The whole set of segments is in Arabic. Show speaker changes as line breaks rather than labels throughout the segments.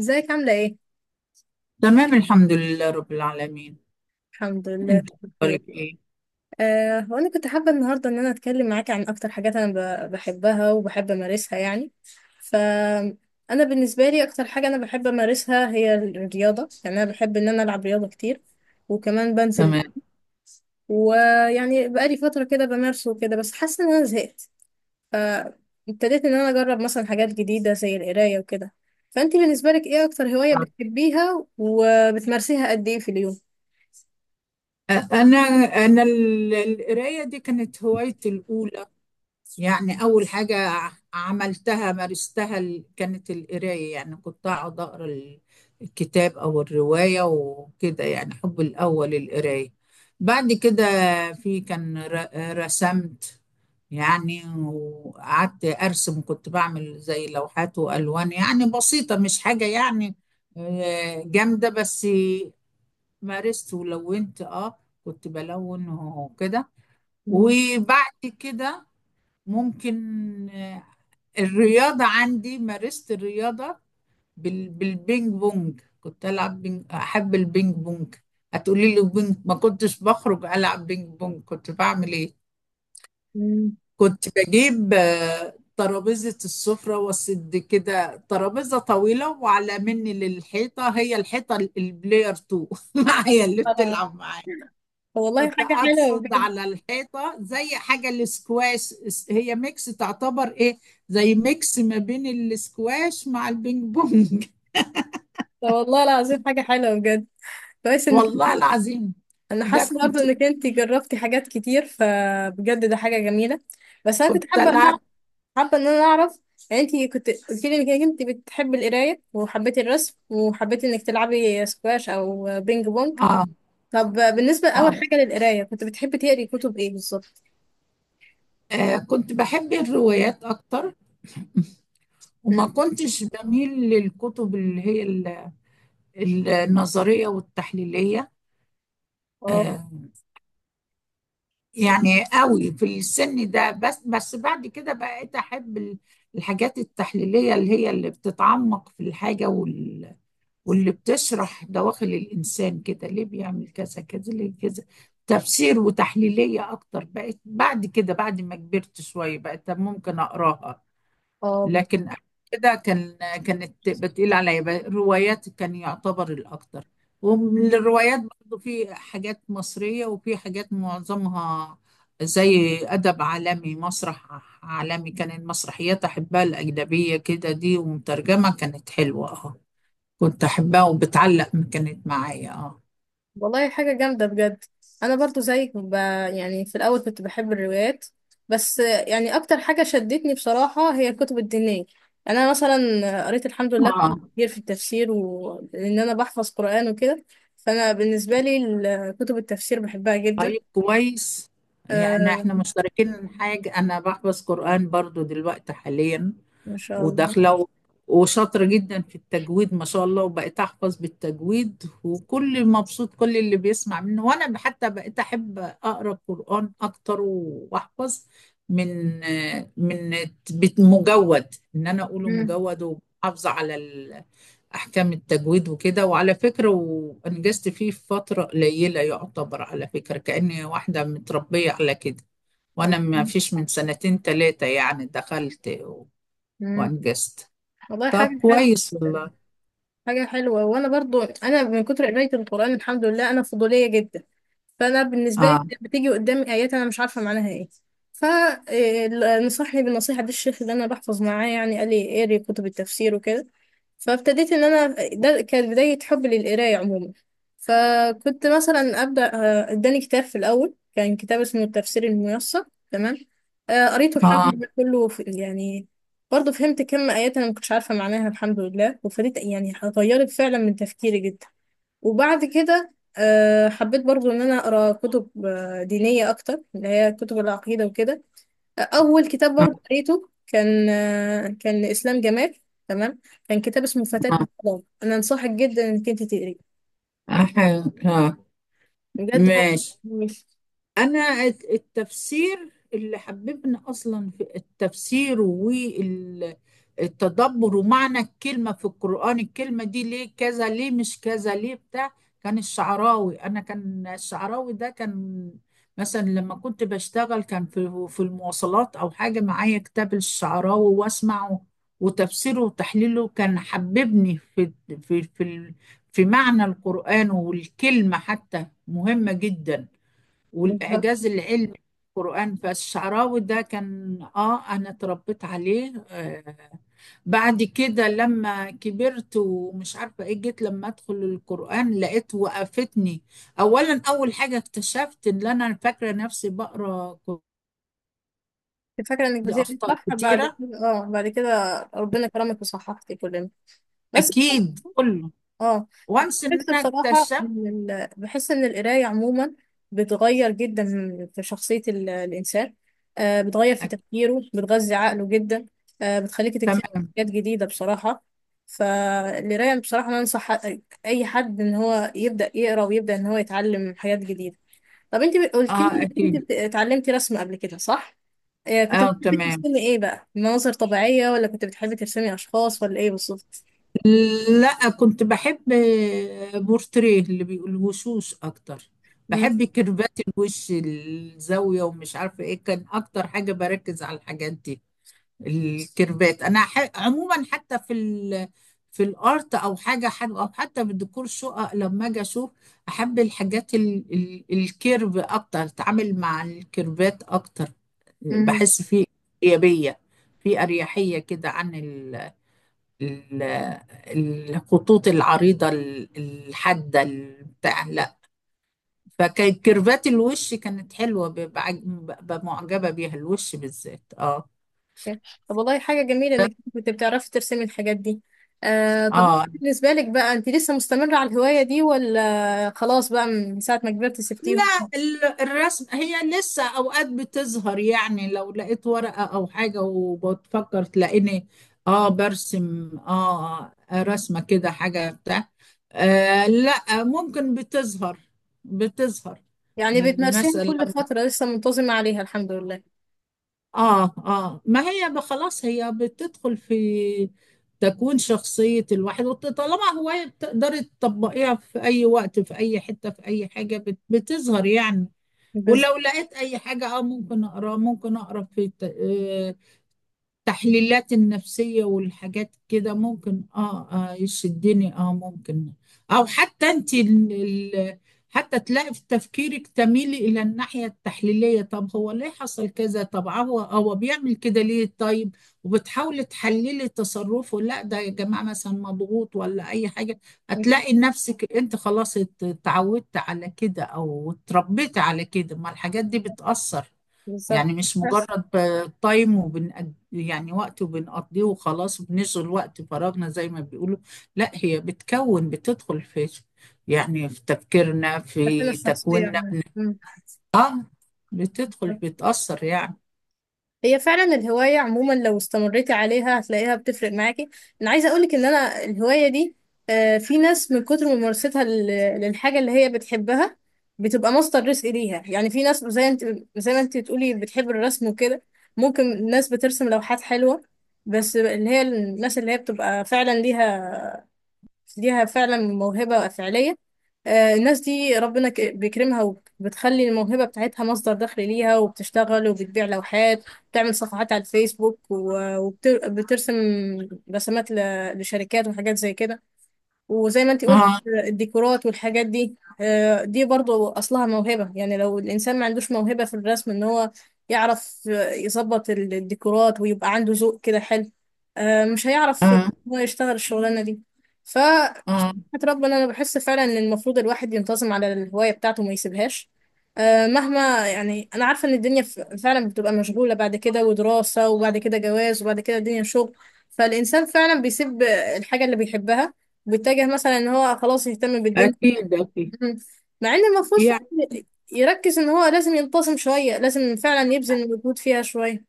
ازيك عاملة ايه؟
تمام الحمد لله رب العالمين.
الحمد لله
انت
بخير.
اخبارك ايه؟
آه وانا كنت حابة النهاردة ان انا اتكلم معاكي عن اكتر حاجات انا بحبها وبحب امارسها يعني. ف انا بالنسبة لي اكتر حاجة انا بحب امارسها هي الرياضة، يعني انا بحب ان انا العب رياضة كتير وكمان بنزل،
تمام.
ويعني بقالي فترة كده بمارسه وكده بس حاسة ان انا زهقت. فابتديت ان انا اجرب مثلا حاجات جديدة زي القراية وكده. فانتي بالنسبة لك ايه اكتر هواية بتحبيها وبتمارسيها قد ايه في اليوم؟
انا انا القرايه دي كانت هوايتي الاولى. يعني أول حاجة عملتها مارستها كانت القراية. يعني كنت أقعد أقرأ الكتاب أو الرواية وكده، يعني حب الأول القراية. بعد كده رسمت، يعني وقعدت أرسم، كنت بعمل زي لوحات وألوان يعني بسيطة، مش حاجة يعني جامدة. بس مارست ولونت، اه كنت بلون وكده.
مم.
وبعد كده ممكن آه، الرياضة، عندي مارست الرياضة بالبينج بونج، كنت ألعب بينج، أحب البينج بونج. هتقولي لي بينج ما كنتش بخرج ألعب بينج بونج كنت بعمل إيه؟
مم.
كنت بجيب ترابيزة السفرة وأسد كده ترابيزة طويلة وعلى مني للحيطة، هي الحيطة البلاير 2 معايا اللي بتلعب معايا.
طب والله
كنت
حاجة حلوة
اقصد
بجد.
على الحيطه زي حاجه الاسكواش، هي ميكس تعتبر ايه؟ زي ميكس ما بين الاسكواش مع البينج بونج.
طب والله العظيم حاجة حلوة بجد، كويس انك،
والله العظيم.
انا
ده
حاسة برضه
كنت،
انك انت جربتي حاجات كتير فبجد ده حاجة جميلة. بس انا كنت
كنت
حابة ان
العب.
حابة ان انا اعرف، يعني انت كنت قلت لي انك انت بتحبي القراية وحبيتي الرسم وحبيتي انك تلعبي سكواش او بينج بونج.
آه,
طب بالنسبة اول
آه,
حاجة للقراية كنت بتحبي تقري كتب ايه بالظبط؟
اه كنت بحب الروايات اكتر،
م.
وما كنتش بميل للكتب اللي هي النظريه والتحليليه.
اه
آه، يعني قوي في السن ده، بس بعد كده بقيت احب الحاجات التحليلية، اللي هي اللي بتتعمق في الحاجة واللي بتشرح دواخل الإنسان، كده ليه بيعمل كذا كذا ليه كذا، تفسير وتحليلية أكتر بقيت بعد كده، بعد ما كبرت شوية بقيت ممكن أقراها.
اه،
لكن قبل كده كان، كانت بتقيل عليا بقى الروايات، كان يعتبر الأكتر. ومن الروايات برضو في حاجات مصرية وفي حاجات معظمها زي أدب عالمي، مسرح عالمي، كان المسرحيات أحبها الأجنبية كده دي ومترجمة كانت حلوة، اه كنت أحبها وبتعلق كانت معايا، اه.
والله حاجة جامدة بجد. أنا برضو زيك يعني في الأول كنت بحب الروايات بس يعني أكتر حاجة شدتني بصراحة هي الكتب الدينية، يعني أنا مثلا قريت الحمد لله
اه.
كتير في التفسير، وإن أنا بحفظ قرآن وكده، فأنا بالنسبة لي كتب التفسير بحبها جدا.
طيب كويس، يعني احنا
آه،
مشتركين حاجة، أنا بحفظ قرآن برضو دلوقتي حاليا
ما شاء الله.
وداخله وشاطره جدا في التجويد ما شاء الله. وبقيت احفظ بالتجويد وكل مبسوط كل اللي بيسمع منه، وانا حتى بقيت احب اقرا قران اكتر واحفظ من من مجود، ان انا اقوله
مم.
مجود ومحافظه على احكام التجويد وكده. وعلى فكره وانجزت فيه في فتره قليله يعتبر، على فكره كاني واحده متربيه على كده، وانا ما فيش من سنتين 3 يعني دخلت
مم.
وانجزت.
والله
طب
حاجة حلوة،
كويس والله.
حاجة حلوة. وأنا برضو أنا من كتر قراية القرآن الحمد لله أنا فضولية جدا، فأنا بالنسبة لي
اه.
بتيجي قدامي آيات أنا مش عارفة معناها إيه، فنصحني بالنصيحة دي الشيخ اللي أنا بحفظ معاه، يعني قال لي اقري كتب التفسير وكده. فابتديت إن أنا، ده كانت بداية حبي للقراية عموما. فكنت مثلا أبدأ، إداني كتاب في الأول كان كتاب اسمه التفسير الميسر، تمام. قريته الحمد
اه.
لله كله في يعني، برضه فهمت كم آيات أنا ما كنتش عارفة معناها الحمد لله، وفريت يعني غيرت فعلا من تفكيري جدا. وبعد كده حبيت برضه إن أنا أقرأ كتب دينية أكتر اللي هي كتب العقيدة وكده. أول كتاب
اه,
برضه قريته كان كان إسلام جمال، تمام. كان كتاب اسمه فتاة من
آه.
الفضاء، أنا أنصحك جدا إنك أنت تقريه.
آه. آه. آه،
بجد هو
ماشي.
مش
انا التفسير اللي حببني اصلا في التفسير والتدبر ومعنى الكلمه في القران، الكلمه دي ليه كذا ليه مش كذا ليه بتاع، كان الشعراوي. انا كان الشعراوي ده كان مثلا لما كنت بشتغل كان في المواصلات او حاجه معايا كتاب الشعراوي واسمعه. وتفسيره وتحليله كان حببني في في في معنى القران والكلمه، حتى مهمه جدا،
بالظبط
والإعجاز العلمي في القرآن. فالشعراوي ده كان، آه أنا اتربيت عليه آه. بعد كده لما كبرت ومش عارفة إيه جيت لما أدخل القرآن لقيت وقفتني. أولا أول حاجة اكتشفت إن أنا فاكرة نفسي بقرأ
كنت فاكرة إنك
دي
بتقري
أخطاء
صح. بعد
كتيرة
كده اه، بعد كده ربنا كرمك وصححتي كلنا. بس
أكيد كله.
اه، انا
وانس إن
بحس
أنا
بصراحه
اكتشفت.
ان بحس ان القرايه عموما بتغير جدا في شخصيه الانسان. آه، بتغير في
أكيد.
تفكيره، بتغذي عقله جدا، آه بتخليك تكتشف
تمام.
حاجات جديده بصراحه. فالقرايه بصراحه انا انصح اي حد ان هو يبدا يقرا ويبدا ان هو يتعلم حاجات جديده. طب انت قلت
آه
لي انت
أكيد.
اتعلمتي رسم قبل كده صح؟ آه، كنت
آه
بتحبي
تمام.
ترسمي ايه بقى؟ مناظر طبيعيه ولا كنت بتحبي ترسمي اشخاص ولا ايه بالظبط؟
لا كنت بحب بورتريه اللي بيقول وشوش اكتر، بحب كيرفات الوش، الزاوية ومش عارفة ايه، كان اكتر حاجة بركز على الحاجات دي، الكيرفات. انا عموما حتى في الارت او حاجة حلوة، او حتى في الديكور شقق لما اجي اشوف احب الحاجات الكيرف اكتر، اتعامل مع الكيرفات اكتر،
مم.
بحس فيه ايجابية، في اريحية كده عن ال- الخطوط العريضة الحادة بتاع. لا، فكان كيرفات الوش كانت حلوة، ببقى ببقى معجبة بيها الوش بالذات، اه.
طب والله حاجة جميلة انك كنت بتعرفي ترسمي الحاجات دي. آه، طب
اه.
بالنسبة لك بقى انت لسه مستمرة على الهواية دي ولا خلاص بقى من ساعة ما كبرت سبتيهم؟
لا، الرسم هي لسه اوقات بتظهر. يعني لو لقيت ورقة او حاجة وبتفكر تلاقيني اه برسم، اه رسمة كده حاجة بتاع. آه لا ممكن بتظهر
يعني بتمارسيها
مثلا.
كل فترة لسه منتظمة عليها الحمد لله.
اه. اه ما هي خلاص هي بتدخل في تكوين شخصية الواحد. طالما هواية بتقدري تطبقيها في أي وقت، في أي حتة، في أي حاجة بتظهر يعني.
بز-
ولو لقيت أي حاجة اه ممكن أقرأ، ممكن أقرأ في التحليلات النفسية والحاجات كده، ممكن اه, يشدني اه ممكن. او حتى انت حتى تلاقي في تفكيرك تميلي الى الناحية التحليلية، طب هو ليه حصل كذا، طب هو بيعمل كده ليه، طيب. وبتحاولي تحللي تصرفه، لا ده يا جماعة مثلا مضغوط ولا اي حاجة. هتلاقي نفسك انت خلاص اتعودت على كده او اتربيت على كده، ما الحاجات دي بتأثر.
بالظبط.
يعني مش
ده-
مجرد ب- تايم وبن يعني وقت وبنقضيه وخلاص، وبنشغل وقت فراغنا زي ما بيقولوا. لا هي بتكون بتدخل في، يعني في تفكيرنا
ده أنا
في
الشخصية
تكويننا.
يعني.
اه بتدخل
مم.
بتأثر يعني.
هي فعلا الهواية عموما لو استمريتي عليها هتلاقيها بتفرق معاكي. انا عايزة اقولك ان انا الهواية دي في ناس من كتر ممارستها للحاجة اللي هي بتحبها بتبقى مصدر رزق ليها، يعني في ناس زي انت، زي ما انت تقولي بتحب الرسم وكده، ممكن ناس بترسم لوحات حلوة بس اللي هي الناس اللي هي بتبقى فعلا ليها فعلا موهبة فعلية، الناس دي ربنا بيكرمها وبتخلي الموهبة بتاعتها مصدر دخل ليها، وبتشتغل وبتبيع لوحات وبتعمل صفحات على الفيسبوك، وبترسم رسمات لشركات وحاجات زي كده. وزي ما انت قلت
اه.
الديكورات والحاجات دي، دي برضو أصلها موهبة، يعني لو الإنسان ما عندوش موهبة في الرسم إن هو يعرف يظبط الديكورات ويبقى عنده ذوق كده حلو، مش هيعرف إن
اه.
هو يشتغل الشغلانة دي.
اه.
حياة ربنا انا بحس فعلا ان المفروض الواحد ينتظم على الهوايه بتاعته وما يسيبهاش. أه مهما يعني، انا عارفه ان الدنيا فعلا بتبقى مشغوله بعد كده، ودراسه وبعد كده جواز وبعد كده الدنيا شغل، فالانسان فعلا بيسيب الحاجه اللي بيحبها وبيتجه مثلا ان هو خلاص يهتم بالدنيا.
اكيد اكيد.
مع ان المفروض فعلاً يركز ان هو لازم ينتظم شويه، لازم فعلا يبذل مجهود فيها شويه.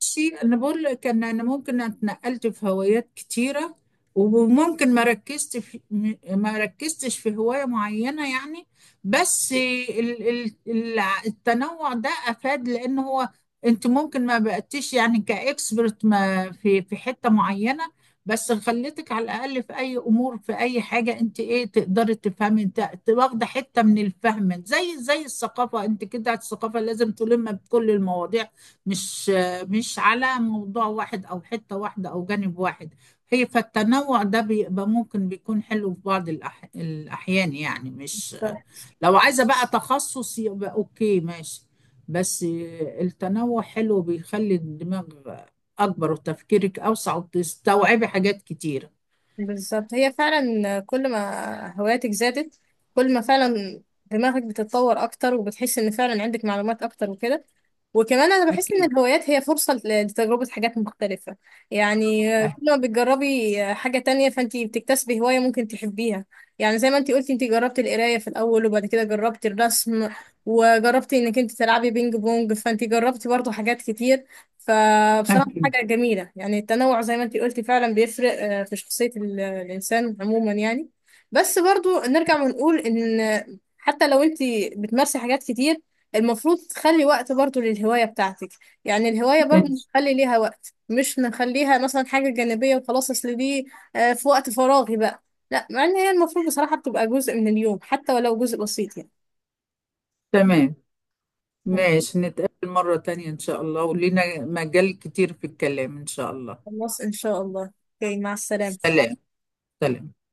شيء انا بقول لك ان انا ممكن اتنقلت في هوايات كتيره، وممكن ما ركزتش في هوايه معينه يعني. بس التنوع ده افاد، لان هو انت ممكن ما بقتيش يعني كاكسبرت ما في حته معينه، بس خليتك على الاقل في اي امور، في اي حاجه انت ايه تقدري تفهمي، واخده حته من الفهم زي الثقافه. انت كده الثقافه لازم تلم بكل المواضيع، مش مش على موضوع واحد أو حتة واحدة أو جانب واحد. هي فالتنوع ده بيبقى ممكن بيكون حلو في بعض الأحيان، يعني مش لو عايزة بقى تخصص يبقى أوكي ماشي. بس التنوع حلو، بيخلي الدماغ أكبر وتفكيرك أوسع وتستوعبي حاجات كتيرة.
بالظبط، هي فعلا كل ما هواياتك زادت كل ما فعلا دماغك بتتطور اكتر وبتحس ان فعلا عندك معلومات اكتر وكده. وكمان انا بحس ان
أكيد.
الهوايات هي فرصة لتجربة حاجات مختلفة، يعني
أه-
كل ما بتجربي حاجة تانية فانتي بتكتسبي هواية ممكن تحبيها. يعني زي ما انتي قلتي انتي جربتي القراية في الاول وبعد كده جربتي الرسم وجربتي انك انتي تلعبي بينج بونج، فانتي جربتي برضو حاجات كتير، فبصراحة
أكيد.
حاجة جميلة يعني. التنوع زي ما انتي قلتي فعلا بيفرق في شخصية الإنسان عموما يعني. بس برضو نرجع ونقول إن حتى لو انتي بتمارسي حاجات كتير المفروض تخلي وقت برضو للهواية بتاعتك، يعني الهواية برضو
إن-
نخلي ليها وقت مش نخليها مثلا حاجة جانبية وخلاص أصل دي في وقت فراغي بقى، لا مع إن هي المفروض بصراحة بتبقى جزء من اليوم حتى ولو جزء بسيط يعني.
تمام. ماشي نتقابل مرة تانية إن شاء الله، ولينا مجال كتير في الكلام إن شاء الله.
خلاص إن شاء الله. اوكي، مع السلامة.
سلام. سلام.